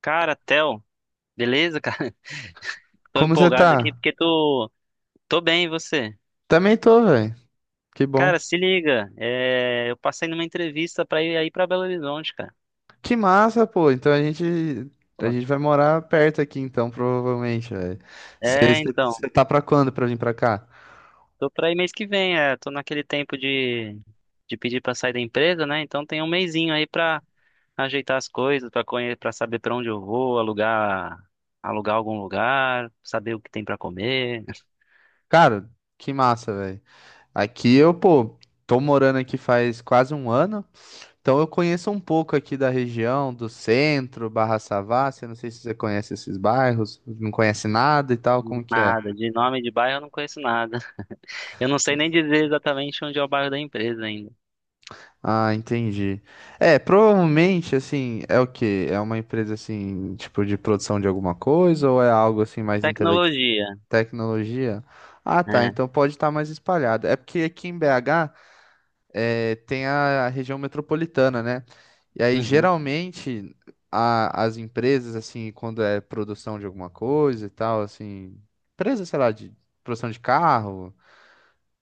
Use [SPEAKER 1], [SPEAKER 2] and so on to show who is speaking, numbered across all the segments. [SPEAKER 1] Cara, Theo, beleza, cara? Tô
[SPEAKER 2] Como você
[SPEAKER 1] empolgado aqui
[SPEAKER 2] tá?
[SPEAKER 1] porque tô, tô bem, e você?
[SPEAKER 2] Também tô, velho. Que bom.
[SPEAKER 1] Cara, se liga, eu passei numa entrevista pra ir aí pra Belo Horizonte, cara.
[SPEAKER 2] Que massa, pô. Então a gente a
[SPEAKER 1] Pô.
[SPEAKER 2] gente vai morar perto aqui então, provavelmente, velho.
[SPEAKER 1] É, então,
[SPEAKER 2] Você tá pra quando pra vir pra cá?
[SPEAKER 1] Tô pra ir mês que vem, tô naquele tempo de pedir pra sair da empresa, né? Então tem um mesinho aí pra ajeitar as coisas, pra conhecer, para saber pra onde eu vou, alugar algum lugar, saber o que tem pra comer.
[SPEAKER 2] Cara, que massa, velho. Aqui eu, pô, tô morando aqui faz quase um ano, então eu conheço um pouco aqui da região, do centro, Barra Savassi, eu não sei se você conhece esses bairros, não conhece nada e tal, como que é?
[SPEAKER 1] Nada, de nome de bairro eu não conheço nada. Eu não sei nem dizer exatamente onde é o bairro da empresa ainda.
[SPEAKER 2] Ah, entendi. É, provavelmente, assim, é o quê? É uma empresa, assim, tipo, de produção de alguma coisa ou é algo, assim, mais
[SPEAKER 1] Tecnologia,
[SPEAKER 2] tecnologia? Ah, tá,
[SPEAKER 1] é.
[SPEAKER 2] então pode estar mais espalhado. É porque aqui em BH é, tem a região metropolitana, né? E aí,
[SPEAKER 1] Uhum.
[SPEAKER 2] geralmente, as empresas, assim, quando é produção de alguma coisa e tal, assim, empresa, sei lá, de produção de carro,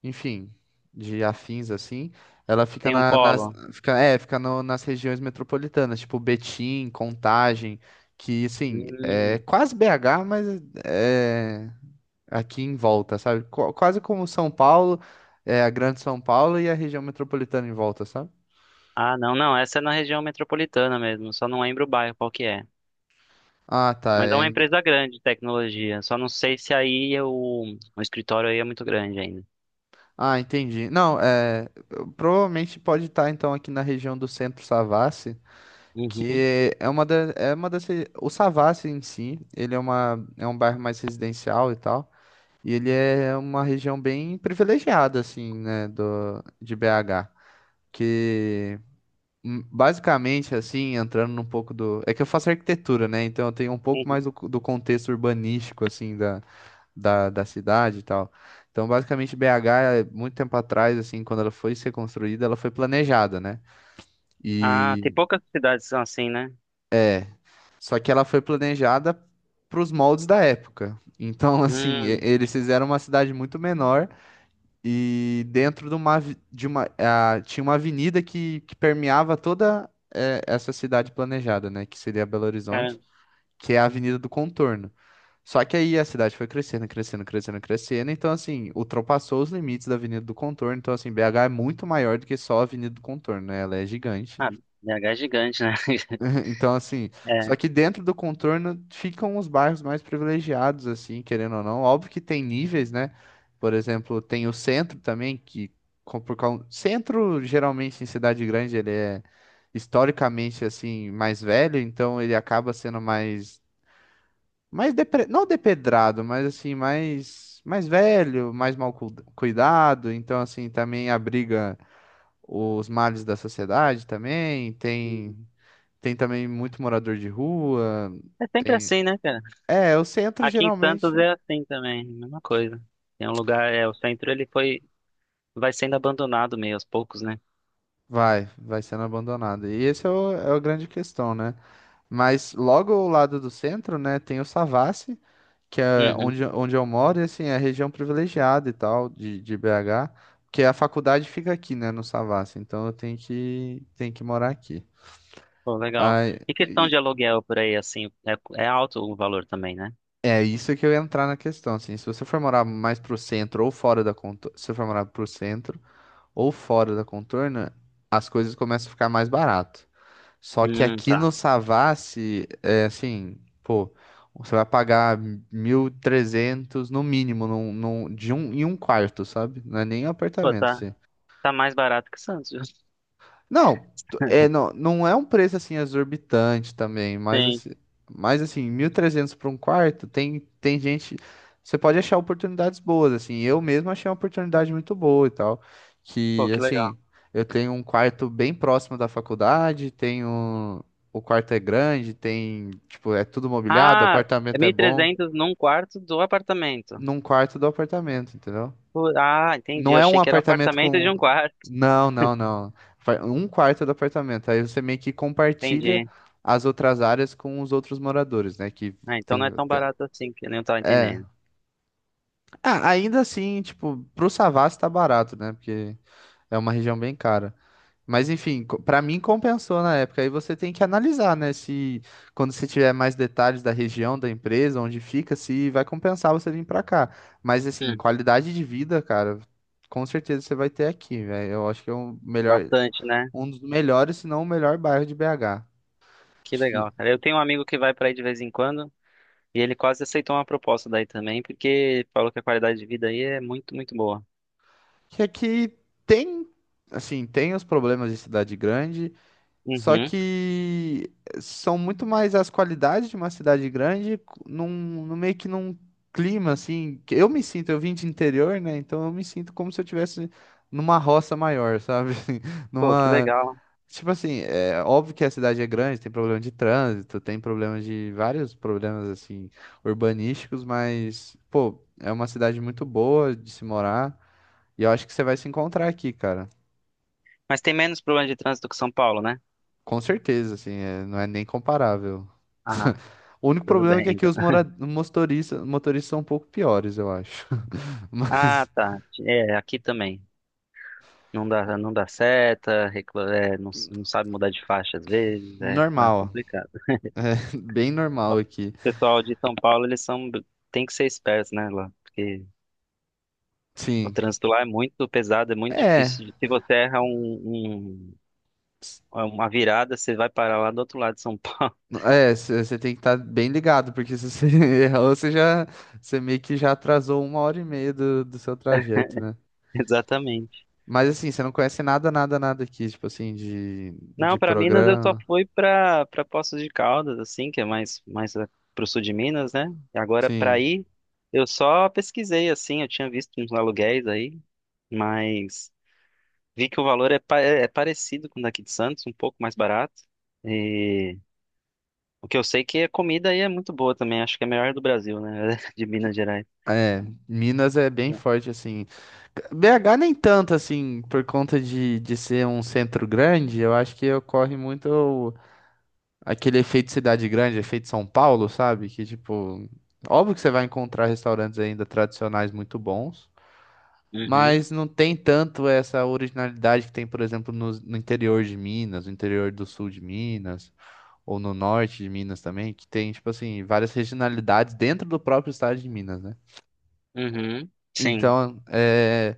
[SPEAKER 2] enfim, de afins assim, ela
[SPEAKER 1] Tem um polo.
[SPEAKER 2] fica, é, fica nas regiões metropolitanas, tipo Betim, Contagem, que assim, é
[SPEAKER 1] Hum.
[SPEAKER 2] quase BH, mas é aqui em volta, sabe? Quase como São Paulo, é a Grande São Paulo e a região metropolitana em volta, sabe?
[SPEAKER 1] Ah, não, não. Essa é na região metropolitana mesmo. Só não lembro o bairro qual que é.
[SPEAKER 2] Ah, tá.
[SPEAKER 1] Mas é uma empresa grande de tecnologia. Só não sei se aí é o escritório aí é muito grande ainda.
[SPEAKER 2] Ah, entendi. Não, é, provavelmente pode estar então aqui na região do Centro Savassi.
[SPEAKER 1] Uhum.
[SPEAKER 2] Que é uma é uma o Savassi em si, ele é uma, é um bairro mais residencial e tal, e ele é uma região bem privilegiada, assim, né, do, de BH, que basicamente, assim, entrando num pouco do, é que eu faço arquitetura, né, então eu tenho um pouco
[SPEAKER 1] Uhum.
[SPEAKER 2] mais do, do contexto urbanístico, assim, da cidade e tal, então basicamente BH, é, muito tempo atrás, assim, quando ela foi ser construída, ela foi planejada, né,
[SPEAKER 1] Ah, tem
[SPEAKER 2] e
[SPEAKER 1] poucas cidades que são assim, né?
[SPEAKER 2] só que ela foi planejada para os moldes da época. Então, assim,
[SPEAKER 1] Hum,
[SPEAKER 2] eles fizeram uma cidade muito menor e dentro de uma, ah, tinha uma avenida que permeava toda eh, essa cidade planejada, né? Que seria Belo
[SPEAKER 1] cara.
[SPEAKER 2] Horizonte, que é a Avenida do Contorno. Só que aí a cidade foi crescendo. Então, assim, ultrapassou os limites da Avenida do Contorno. Então, assim, BH é muito maior do que só a Avenida do Contorno, né? Ela é gigante.
[SPEAKER 1] Ah, BH é gigante, né?
[SPEAKER 2] Então, assim, só
[SPEAKER 1] É.
[SPEAKER 2] que dentro do contorno ficam os bairros mais privilegiados, assim, querendo ou não. Óbvio que tem níveis, né? Por exemplo, tem o centro também, que por causa... Centro, geralmente, em cidade grande, ele é historicamente, assim, mais velho, então ele acaba sendo mais... mais não depedrado, mas, assim, mais... mais velho, mais mal cuidado. Então, assim, também abriga os males da sociedade também. Tem...
[SPEAKER 1] Hum.
[SPEAKER 2] Tem também muito morador de rua.
[SPEAKER 1] É sempre
[SPEAKER 2] Tem.
[SPEAKER 1] assim, né, cara?
[SPEAKER 2] É, o centro
[SPEAKER 1] Aqui em Santos
[SPEAKER 2] geralmente
[SPEAKER 1] é assim também, mesma coisa. Tem um lugar, o centro ele foi, vai sendo abandonado meio aos poucos, né?
[SPEAKER 2] vai sendo abandonado. E esse é o, é a grande questão, né? Mas logo ao lado do centro, né, tem o Savassi, que é
[SPEAKER 1] Uhum.
[SPEAKER 2] onde eu moro, e assim, é a região privilegiada e tal, de BH, porque a faculdade fica aqui, né, no Savassi, então tenho que morar aqui.
[SPEAKER 1] Pô, legal.
[SPEAKER 2] Aí,
[SPEAKER 1] E questão de
[SPEAKER 2] e-
[SPEAKER 1] aluguel por aí, assim, é alto o valor também, né?
[SPEAKER 2] É isso que eu ia entrar na questão, assim, se você for morar mais pro centro ou fora da conta, se você for morar pro centro, ou fora da contorna, as coisas começam a ficar mais barato. Só que aqui
[SPEAKER 1] Tá.
[SPEAKER 2] no Savassi, é assim, pô, você vai pagar 1.300 no mínimo em um quarto, sabe? Não é nem
[SPEAKER 1] Pô,
[SPEAKER 2] apartamento, assim.
[SPEAKER 1] tá mais barato que Santos, viu?
[SPEAKER 2] Não, é, não é um preço assim exorbitante também,
[SPEAKER 1] Sim.
[SPEAKER 2] mas assim, 1.300 para um quarto, tem você pode achar oportunidades boas, assim. Eu mesmo achei uma oportunidade muito boa e tal,
[SPEAKER 1] Pô,
[SPEAKER 2] que
[SPEAKER 1] que legal.
[SPEAKER 2] assim, eu tenho um quarto bem próximo da faculdade, tenho o quarto é grande, tem, tipo, é tudo mobiliado, o
[SPEAKER 1] Ah, é
[SPEAKER 2] apartamento
[SPEAKER 1] mil
[SPEAKER 2] é
[SPEAKER 1] e
[SPEAKER 2] bom,
[SPEAKER 1] trezentos num quarto do apartamento.
[SPEAKER 2] num quarto do apartamento, entendeu?
[SPEAKER 1] Pô, ah, entendi.
[SPEAKER 2] Não
[SPEAKER 1] Eu
[SPEAKER 2] é um
[SPEAKER 1] achei que era um
[SPEAKER 2] apartamento
[SPEAKER 1] apartamento de
[SPEAKER 2] com.
[SPEAKER 1] um quarto.
[SPEAKER 2] Não, não, não. Um quarto do apartamento. Aí você meio que compartilha
[SPEAKER 1] Entendi.
[SPEAKER 2] as outras áreas com os outros moradores, né? Que
[SPEAKER 1] Ah, então não
[SPEAKER 2] tem.
[SPEAKER 1] é tão
[SPEAKER 2] tem-
[SPEAKER 1] barato assim, que eu nem tava
[SPEAKER 2] é.
[SPEAKER 1] entendendo.
[SPEAKER 2] Ah, ainda assim, tipo, pro Savassi tá barato, né? Porque é uma região bem cara. Mas enfim, pra mim compensou na época. Aí você tem que analisar, né? Se quando você tiver mais detalhes da região, da empresa, onde fica, se vai compensar você vir pra cá. Mas assim,
[SPEAKER 1] Hum,
[SPEAKER 2] qualidade de vida, cara, com certeza você vai ter aqui, velho. Eu acho que é
[SPEAKER 1] bastante, né?
[SPEAKER 2] um dos melhores, se não o melhor bairro de BH.
[SPEAKER 1] Que
[SPEAKER 2] Acho que,
[SPEAKER 1] legal, cara. Eu tenho um amigo que vai pra aí de vez em quando e ele quase aceitou uma proposta daí também, porque falou que a qualidade de vida aí é muito boa.
[SPEAKER 2] que aqui tem, assim, tem os problemas de cidade grande, só
[SPEAKER 1] Uhum.
[SPEAKER 2] que são muito mais as qualidades de uma cidade grande num, num clima assim, que eu me sinto, eu vim de interior, né? Então eu me sinto como se eu tivesse numa roça maior, sabe?
[SPEAKER 1] Pô, que
[SPEAKER 2] Numa,
[SPEAKER 1] legal.
[SPEAKER 2] tipo assim, é óbvio que a cidade é grande, tem problema de trânsito, tem problema de vários problemas assim urbanísticos, mas pô, é uma cidade muito boa de se morar e eu acho que você vai se encontrar aqui, cara.
[SPEAKER 1] Mas tem menos problema de trânsito que São Paulo, né?
[SPEAKER 2] Com certeza, assim, não é nem comparável.
[SPEAKER 1] Ah,
[SPEAKER 2] O único
[SPEAKER 1] tudo
[SPEAKER 2] problema é que
[SPEAKER 1] bem,
[SPEAKER 2] aqui
[SPEAKER 1] então.
[SPEAKER 2] os motoristas, motoristas são um pouco piores, eu acho.
[SPEAKER 1] Ah,
[SPEAKER 2] Mas
[SPEAKER 1] tá. É, aqui também. Não dá seta, não sabe mudar de faixa às vezes, é
[SPEAKER 2] normal,
[SPEAKER 1] complicado. O
[SPEAKER 2] bem normal aqui.
[SPEAKER 1] pessoal de São Paulo, eles são, tem que ser espertos, né, lá, porque o
[SPEAKER 2] Sim.
[SPEAKER 1] trânsito lá é muito pesado, é muito
[SPEAKER 2] É,
[SPEAKER 1] difícil. Se você erra uma virada, você vai parar lá do outro lado de São Paulo.
[SPEAKER 2] você tem que estar bem ligado, porque se você errou, você já, você meio que já atrasou 1 hora e meia do seu trajeto, né?
[SPEAKER 1] Exatamente.
[SPEAKER 2] Mas assim, você não conhece nada aqui, tipo assim, de
[SPEAKER 1] Não, pra Minas eu só
[SPEAKER 2] programa.
[SPEAKER 1] fui pra para Poços de Caldas, assim, que é pro sul de Minas, né? E agora pra
[SPEAKER 2] Sim.
[SPEAKER 1] ir, eu só pesquisei assim, eu tinha visto uns aluguéis aí, mas vi que o valor é, é parecido com o daqui de Santos, um pouco mais barato. E o que eu sei é que a comida aí é muito boa também, acho que é a melhor do Brasil, né? De Minas Gerais.
[SPEAKER 2] É, Minas é bem forte, assim. BH nem tanto assim, por conta de ser um centro grande, eu acho que ocorre muito aquele efeito cidade grande, efeito São Paulo, sabe? Que tipo, óbvio que você vai encontrar restaurantes ainda tradicionais muito bons,
[SPEAKER 1] Uhum,
[SPEAKER 2] mas não tem tanto essa originalidade que tem, por exemplo, no interior de Minas, no interior do sul de Minas, ou no norte de Minas também, que tem, tipo assim, várias regionalidades dentro do próprio estado de Minas, né?
[SPEAKER 1] uhum, sim.
[SPEAKER 2] Então, é.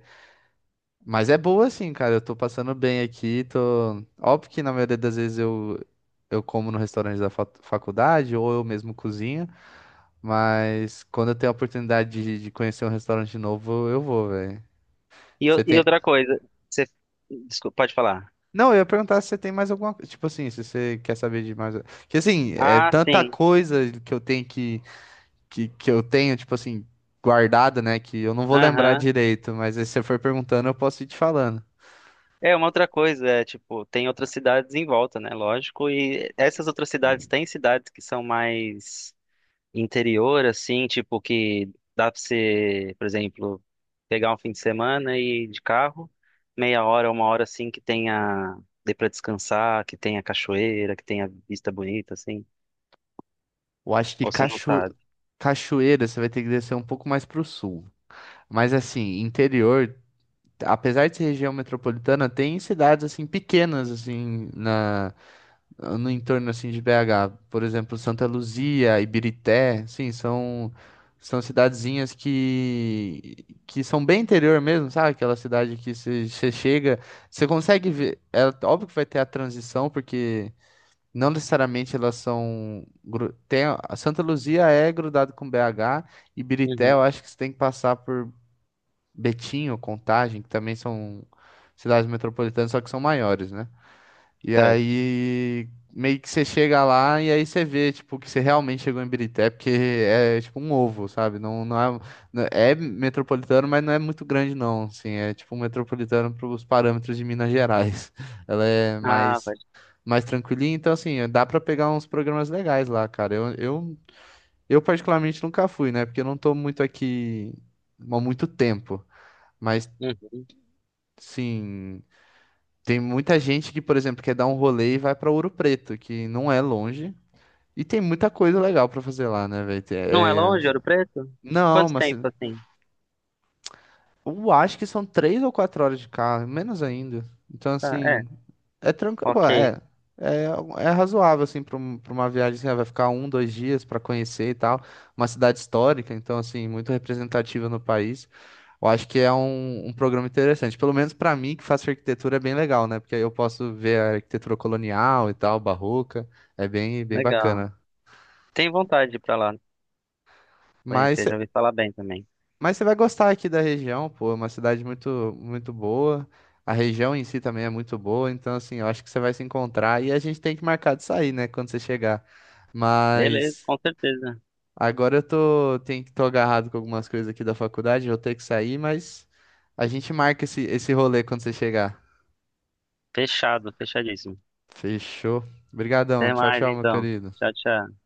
[SPEAKER 2] Mas é boa assim, cara. Eu tô passando bem aqui. Tô... Óbvio que na maioria das vezes eu como no restaurante da faculdade ou eu mesmo cozinho. Mas quando eu tenho a oportunidade de conhecer um restaurante novo, eu vou, velho.
[SPEAKER 1] E,
[SPEAKER 2] Você
[SPEAKER 1] e
[SPEAKER 2] tem.
[SPEAKER 1] outra coisa, você, desculpa, pode falar.
[SPEAKER 2] Não, eu ia perguntar se você tem mais alguma coisa. Tipo assim, se você quer saber de mais. Porque assim, é
[SPEAKER 1] Ah,
[SPEAKER 2] tanta
[SPEAKER 1] sim.
[SPEAKER 2] coisa que que eu tenho, tipo assim, guardada, né? Que eu não vou lembrar
[SPEAKER 1] Aham.
[SPEAKER 2] direito. Mas aí se você for perguntando, eu posso ir te falando.
[SPEAKER 1] É, uma outra coisa, tipo, tem outras cidades em volta, né? Lógico, e essas outras cidades têm cidades que são mais interior, assim, tipo, que dá pra você, por exemplo, pegar um fim de semana e ir de carro, meia hora, uma hora, assim, que tenha, dê pra descansar, que tenha cachoeira, que tenha vista bonita, assim,
[SPEAKER 2] Eu acho que
[SPEAKER 1] ou você não
[SPEAKER 2] cacho...
[SPEAKER 1] sabe.
[SPEAKER 2] Cachoeira, você vai ter que descer um pouco mais para o sul. Mas assim, interior, apesar de ser região metropolitana, tem cidades assim pequenas assim na no entorno assim de BH, por exemplo, Santa Luzia, Ibirité, sim, são cidadezinhas que são bem interior mesmo, sabe? Aquela cidade que você chega, você consegue ver, é óbvio que vai ter a transição porque não necessariamente elas são. A Santa Luzia é grudado com BH e Birité,
[SPEAKER 1] Uhum,
[SPEAKER 2] eu acho que você tem que passar por Betim ou Contagem, que também são cidades metropolitanas, só que são maiores, né? E
[SPEAKER 1] certo.
[SPEAKER 2] aí meio que você chega lá e aí você vê, tipo, que você realmente chegou em Birité, porque é tipo um ovo, sabe? É metropolitano, mas não é muito grande, não. Assim, é tipo um metropolitano para os parâmetros de Minas Gerais. Ela é
[SPEAKER 1] Ah, vai.
[SPEAKER 2] mais tranquilinho. Então, assim, dá pra pegar uns programas legais lá, cara. Eu particularmente nunca fui, né? Porque eu não tô muito aqui há muito tempo. Mas,
[SPEAKER 1] Uhum.
[SPEAKER 2] sim, tem muita gente que, por exemplo, quer dar um rolê e vai pra Ouro Preto, que não é longe. E tem muita coisa legal pra fazer lá, né, velho?
[SPEAKER 1] Não é longe, Ouro Preto?
[SPEAKER 2] Não,
[SPEAKER 1] Quanto
[SPEAKER 2] mas
[SPEAKER 1] tempo, assim?
[SPEAKER 2] eu acho que são 3 ou 4 horas de carro, menos ainda. Então,
[SPEAKER 1] Ah, é,
[SPEAKER 2] assim, é
[SPEAKER 1] ok,
[SPEAKER 2] é, é razoável, assim, para uma viagem, assim, ah, vai ficar um, 2 dias para conhecer e tal. Uma cidade histórica, então, assim, muito representativa no país. Eu acho que é um programa interessante. Pelo menos para mim, que faço arquitetura, é bem legal, né? Porque aí eu posso ver a arquitetura colonial e tal, barroca. É bem
[SPEAKER 1] legal.
[SPEAKER 2] bacana.
[SPEAKER 1] Tem vontade de ir pra lá.
[SPEAKER 2] Mas
[SPEAKER 1] Conhecer, já ouvi falar bem também.
[SPEAKER 2] Mas você vai gostar aqui da região, pô, é uma cidade muito, muito boa. A região em si também é muito boa, então assim, eu acho que você vai se encontrar e a gente tem que marcar de sair, né, quando você chegar.
[SPEAKER 1] Beleza,
[SPEAKER 2] Mas
[SPEAKER 1] com certeza.
[SPEAKER 2] agora tô agarrado com algumas coisas aqui da faculdade, eu vou ter que sair, mas a gente marca esse rolê quando você chegar.
[SPEAKER 1] Fechado, fechadíssimo.
[SPEAKER 2] Fechou. Obrigadão.
[SPEAKER 1] Até
[SPEAKER 2] Tchau,
[SPEAKER 1] mais
[SPEAKER 2] tchau, meu
[SPEAKER 1] então.
[SPEAKER 2] querido.
[SPEAKER 1] Tchau, tchau.